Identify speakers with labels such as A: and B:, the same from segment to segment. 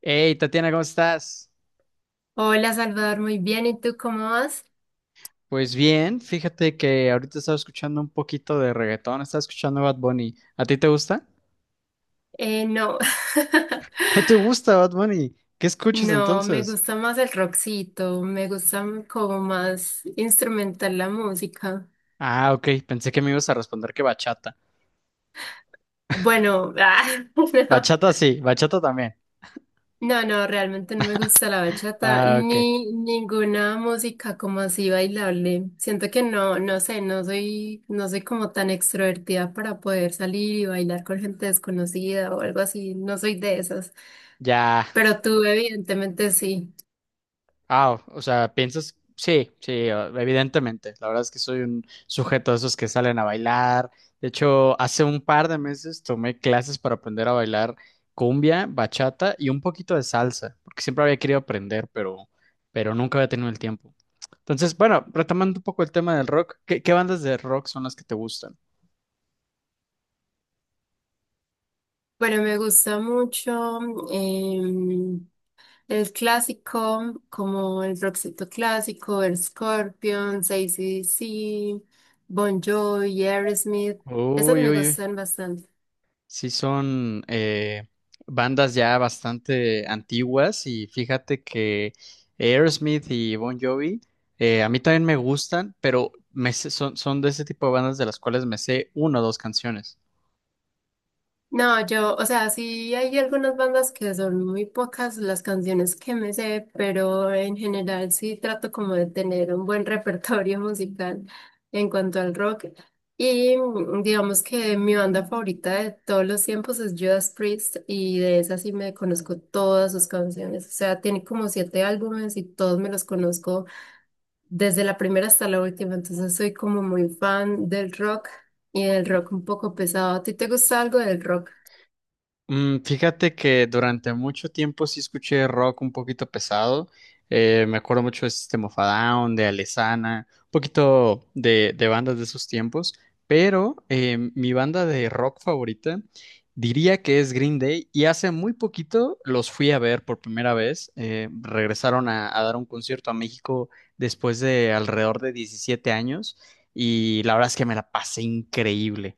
A: Hey, Tatiana, ¿cómo estás?
B: Hola Salvador, muy bien. ¿Y tú cómo vas?
A: Pues bien, fíjate que ahorita estaba escuchando un poquito de reggaetón, estaba escuchando Bad Bunny. ¿A ti te gusta?
B: No,
A: ¿No te gusta Bad Bunny? ¿Qué escuchas
B: no, me
A: entonces?
B: gusta más el rockcito, como más instrumental la música.
A: Ah, ok, pensé que me ibas a responder que bachata.
B: Bueno, no,
A: Bachata sí, bachata también.
B: no, realmente no me gusta la bachata
A: Ah, ok,
B: ni ninguna música como así bailable. Siento que no, no sé, no soy como tan extrovertida para poder salir y bailar con gente desconocida o algo así, no soy de esas.
A: ya.
B: Pero tú evidentemente sí.
A: Ah, o sea, piensas, sí, sí, evidentemente. La verdad es que soy un sujeto de esos que salen a bailar. De hecho, hace un par de meses tomé clases para aprender a bailar cumbia, bachata y un poquito de salsa, porque siempre había querido aprender, pero nunca había tenido el tiempo. Entonces, bueno, retomando un poco el tema del rock, ¿qué bandas de rock son las que te gustan?
B: Bueno, me gusta mucho em, el clásico, como el rockcito clásico, el Scorpions, AC/DC, Bon Jovi, Aerosmith. Esos
A: Uy,
B: me
A: uy, uy.
B: gustan bastante.
A: Sí, son bandas ya bastante antiguas y fíjate que Aerosmith y Bon Jovi a mí también me gustan, pero son, son de ese tipo de bandas de las cuales me sé una o dos canciones.
B: No, yo, o sea, sí hay algunas bandas que son muy pocas las canciones que me sé, pero en general sí trato como de tener un buen repertorio musical en cuanto al rock. Y digamos que mi banda favorita de todos los tiempos es Judas Priest y de esa sí me conozco todas sus canciones. O sea, tiene como siete álbumes y todos me los conozco desde la primera hasta la última. Entonces soy como muy fan del rock y del rock un poco pesado. ¿A ti te gusta algo del rock?
A: Fíjate que durante mucho tiempo sí escuché rock un poquito pesado. Me acuerdo mucho de System of a Down, de Alesana, un poquito de bandas de esos tiempos. Pero mi banda de rock favorita diría que es Green Day. Y hace muy poquito los fui a ver por primera vez. Regresaron a dar un concierto a México después de alrededor de 17 años. Y la verdad es que me la pasé increíble.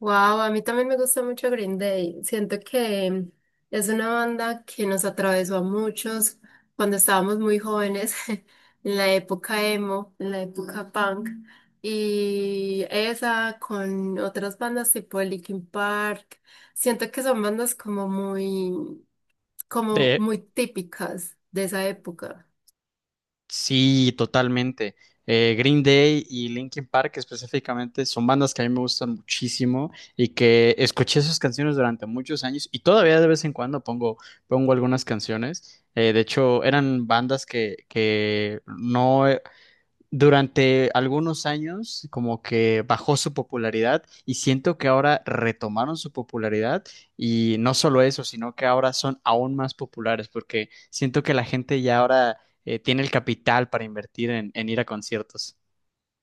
B: Wow, a mí también me gusta mucho Green Day. Siento que es una banda que nos atravesó a muchos cuando estábamos muy jóvenes, en la época emo, en la época punk. Y esa con otras bandas tipo Linkin Park. Siento que son bandas como
A: De,
B: muy típicas de esa época.
A: Sí, totalmente. Green Day y Linkin Park específicamente son bandas que a mí me gustan muchísimo y que escuché sus canciones durante muchos años y todavía de vez en cuando pongo algunas canciones. De hecho, eran bandas que no, durante algunos años como que bajó su popularidad y siento que ahora retomaron su popularidad y no solo eso, sino que ahora son aún más populares porque siento que la gente ya ahora tiene el capital para invertir en ir a conciertos.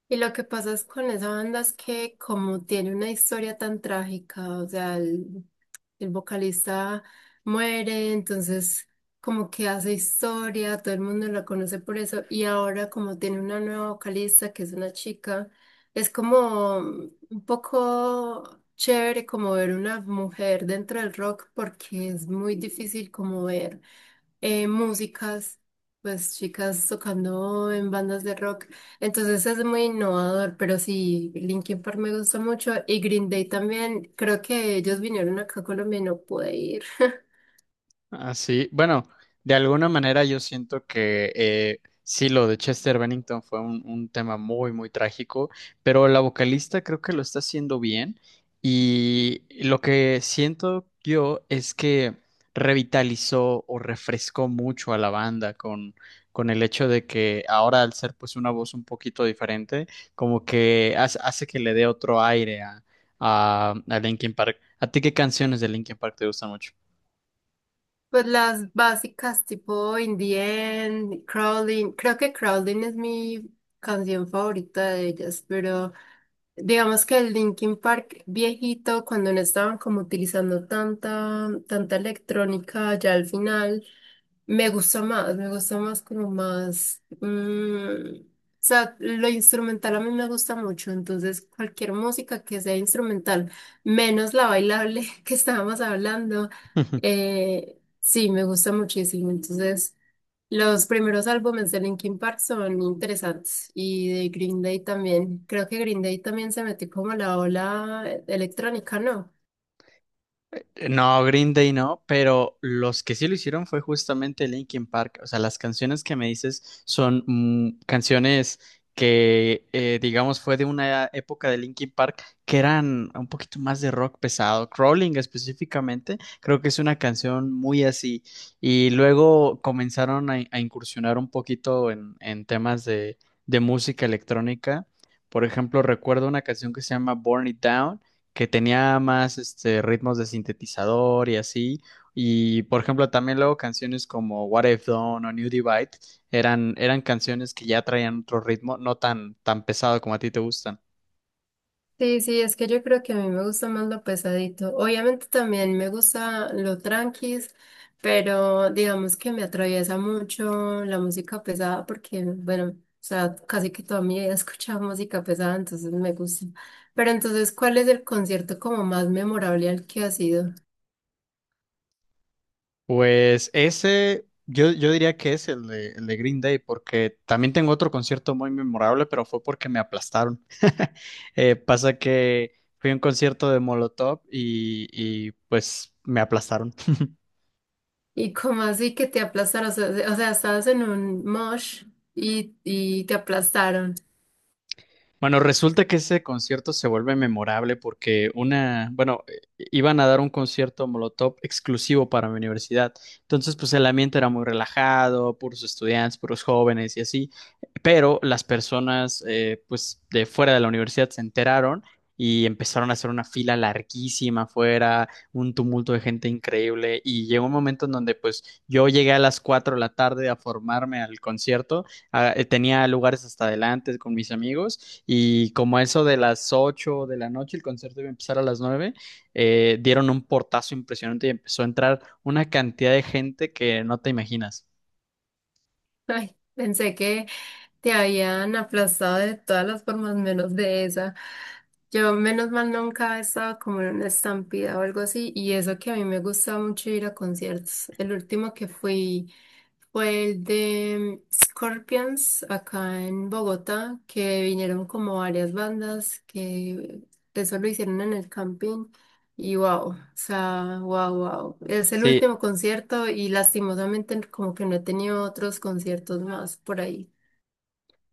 B: Y lo que pasa es con esa banda es que como tiene una historia tan trágica, o sea, el vocalista muere, entonces como que hace historia, todo el mundo la conoce por eso, y ahora como tiene una nueva vocalista que es una chica, es como un poco chévere como ver una mujer dentro del rock porque es muy difícil como ver músicas, pues chicas tocando en bandas de rock. Entonces es muy innovador, pero sí, Linkin Park me gusta mucho y Green Day también. Creo que ellos vinieron acá a Colombia y no pude ir.
A: Así, bueno, de alguna manera yo siento que sí, lo de Chester Bennington fue un tema muy trágico, pero la vocalista creo que lo está haciendo bien y lo que siento yo es que revitalizó o refrescó mucho a la banda con el hecho de que ahora al ser pues una voz un poquito diferente, como que hace que le dé otro aire a Linkin Park. ¿A ti qué canciones de Linkin Park te gustan mucho?
B: Pues las básicas tipo In the End, Crawling. Creo que Crawling es mi canción favorita de ellas, pero digamos que el Linkin Park viejito, cuando no estaban como utilizando tanta electrónica, ya al final. Me gusta más como más, o sea, lo instrumental a mí me gusta mucho, entonces cualquier música que sea instrumental, menos la bailable que estábamos hablando, sí, me gusta muchísimo, entonces los primeros álbumes de Linkin Park son interesantes y de Green Day también, creo que Green Day también se metió como a la ola electrónica, ¿no?
A: No, Green Day no, pero los que sí lo hicieron fue justamente Linkin Park. O sea, las canciones que me dices son mm, canciones que digamos, fue de una época de Linkin Park que eran un poquito más de rock pesado. Crawling específicamente, creo que es una canción muy así. Y luego comenzaron a incursionar un poquito en temas de música electrónica. Por ejemplo, recuerdo una canción que se llama Burn It Down que tenía más este, ritmos de sintetizador y así. Y por ejemplo, también luego canciones como What I've Done o New Divide eran canciones que ya traían otro ritmo, no tan, tan pesado como a ti te gustan.
B: Sí, es que yo creo que a mí me gusta más lo pesadito. Obviamente también me gusta lo tranquis, pero digamos que me atraviesa mucho la música pesada porque, bueno, o sea, casi que toda mi vida he escuchado música pesada, entonces me gusta. Pero entonces, ¿cuál es el concierto como más memorable al que has ido?
A: Pues ese, yo diría que es el el de Green Day, porque también tengo otro concierto muy memorable, pero fue porque me aplastaron. Pasa que fui a un concierto de Molotov y pues me aplastaron.
B: Y como así que te aplastaron, o sea, estabas en un mosh y te aplastaron.
A: Bueno, resulta que ese concierto se vuelve memorable porque iban a dar un concierto Molotov exclusivo para mi universidad. Entonces, pues el ambiente era muy relajado, puros estudiantes, puros jóvenes y así. Pero las personas, pues de fuera de la universidad se enteraron y empezaron a hacer una fila larguísima afuera, un tumulto de gente increíble. Y llegó un momento en donde, pues yo llegué a las 4 de la tarde a formarme al concierto. Ah, tenía lugares hasta adelante con mis amigos. Y como a eso de las 8 de la noche, el concierto iba a empezar a las 9, dieron un portazo impresionante y empezó a entrar una cantidad de gente que no te imaginas.
B: Ay, pensé que... Te habían aplastado de todas las formas menos de esa. Yo menos mal nunca he estado como en una estampida o algo así y eso que a mí me gusta mucho ir a conciertos. El último que fui fue el de Scorpions acá en Bogotá, que vinieron como varias bandas que eso lo hicieron en el camping y wow, o sea, wow, wow. Es el
A: Sí,
B: último concierto y lastimosamente como que no he tenido otros conciertos más por ahí.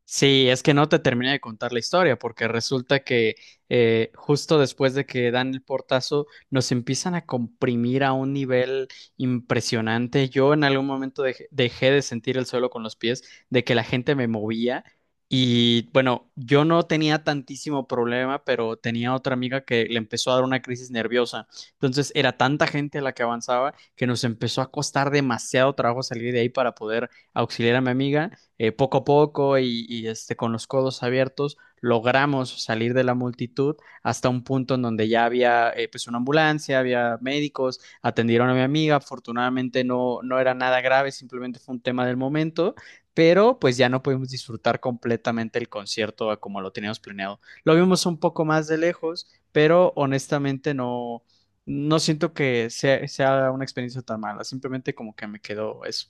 A: Sí, es que no te terminé de contar la historia, porque resulta que justo después de que dan el portazo, nos empiezan a comprimir a un nivel impresionante. Yo en algún momento dejé de sentir el suelo con los pies, de que la gente me movía. Y bueno, yo no tenía tantísimo problema, pero tenía otra amiga que le empezó a dar una crisis nerviosa. Entonces era tanta gente la que avanzaba que nos empezó a costar demasiado trabajo salir de ahí para poder auxiliar a mi amiga poco a poco y este, con los codos abiertos, logramos salir de la multitud hasta un punto en donde ya había pues una ambulancia, había médicos, atendieron a mi amiga, afortunadamente no era nada grave, simplemente fue un tema del momento, pero pues ya no pudimos disfrutar completamente el concierto a como lo teníamos planeado. Lo vimos un poco más de lejos, pero honestamente no. No siento que sea una experiencia tan mala, simplemente como que me quedó eso.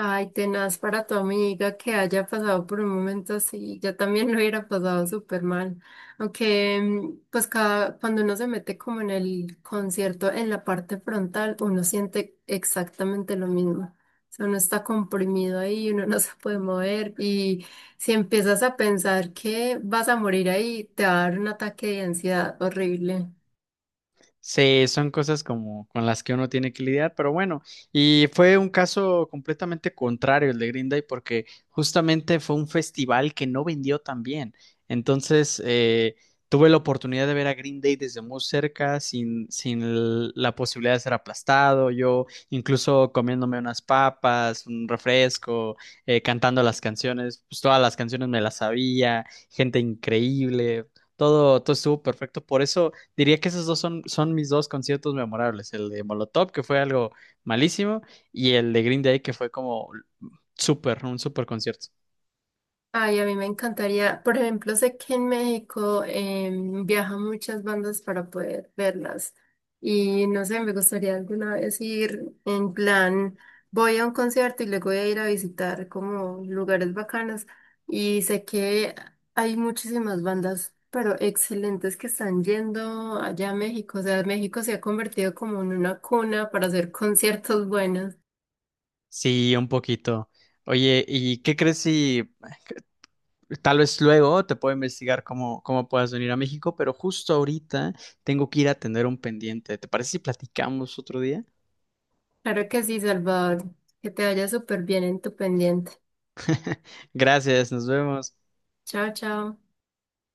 B: Ay, tenaz para tu amiga que haya pasado por un momento así. Yo también lo hubiera pasado súper mal. Aunque, pues, cuando uno se mete como en el concierto, en la parte frontal, uno siente exactamente lo mismo. O sea, uno está comprimido ahí, uno no se puede mover. Y si empiezas a pensar que vas a morir ahí, te va a dar un ataque de ansiedad horrible.
A: Sí, son cosas como con las que uno tiene que lidiar, pero bueno, y fue un caso completamente contrario el de Green Day porque justamente fue un festival que no vendió tan bien. Entonces, tuve la oportunidad de ver a Green Day desde muy cerca, sin, sin l- la posibilidad de ser aplastado, yo incluso comiéndome unas papas, un refresco, cantando las canciones, pues todas las canciones me las sabía, gente increíble, todo estuvo perfecto, por eso... Diría que esos dos son mis dos conciertos memorables, el de Molotov, que fue algo malísimo, y el de Green Day, que fue como súper, un súper concierto.
B: Ay, a mí me encantaría. Por ejemplo, sé que en México viajan muchas bandas para poder verlas. Y no sé, me gustaría alguna vez ir en plan, voy a un concierto y luego voy a ir a visitar como lugares bacanos. Y sé que hay muchísimas bandas, pero excelentes que están yendo allá a México. O sea, México se ha convertido como en una cuna para hacer conciertos buenos.
A: Sí, un poquito. Oye, ¿y qué crees si tal vez luego te puedo investigar cómo puedas venir a México? Pero justo ahorita tengo que ir a atender un pendiente. ¿Te parece si platicamos otro día?
B: Claro que sí, Salvador. Que te vaya súper bien en tu pendiente.
A: Gracias, nos vemos.
B: Chao, chao.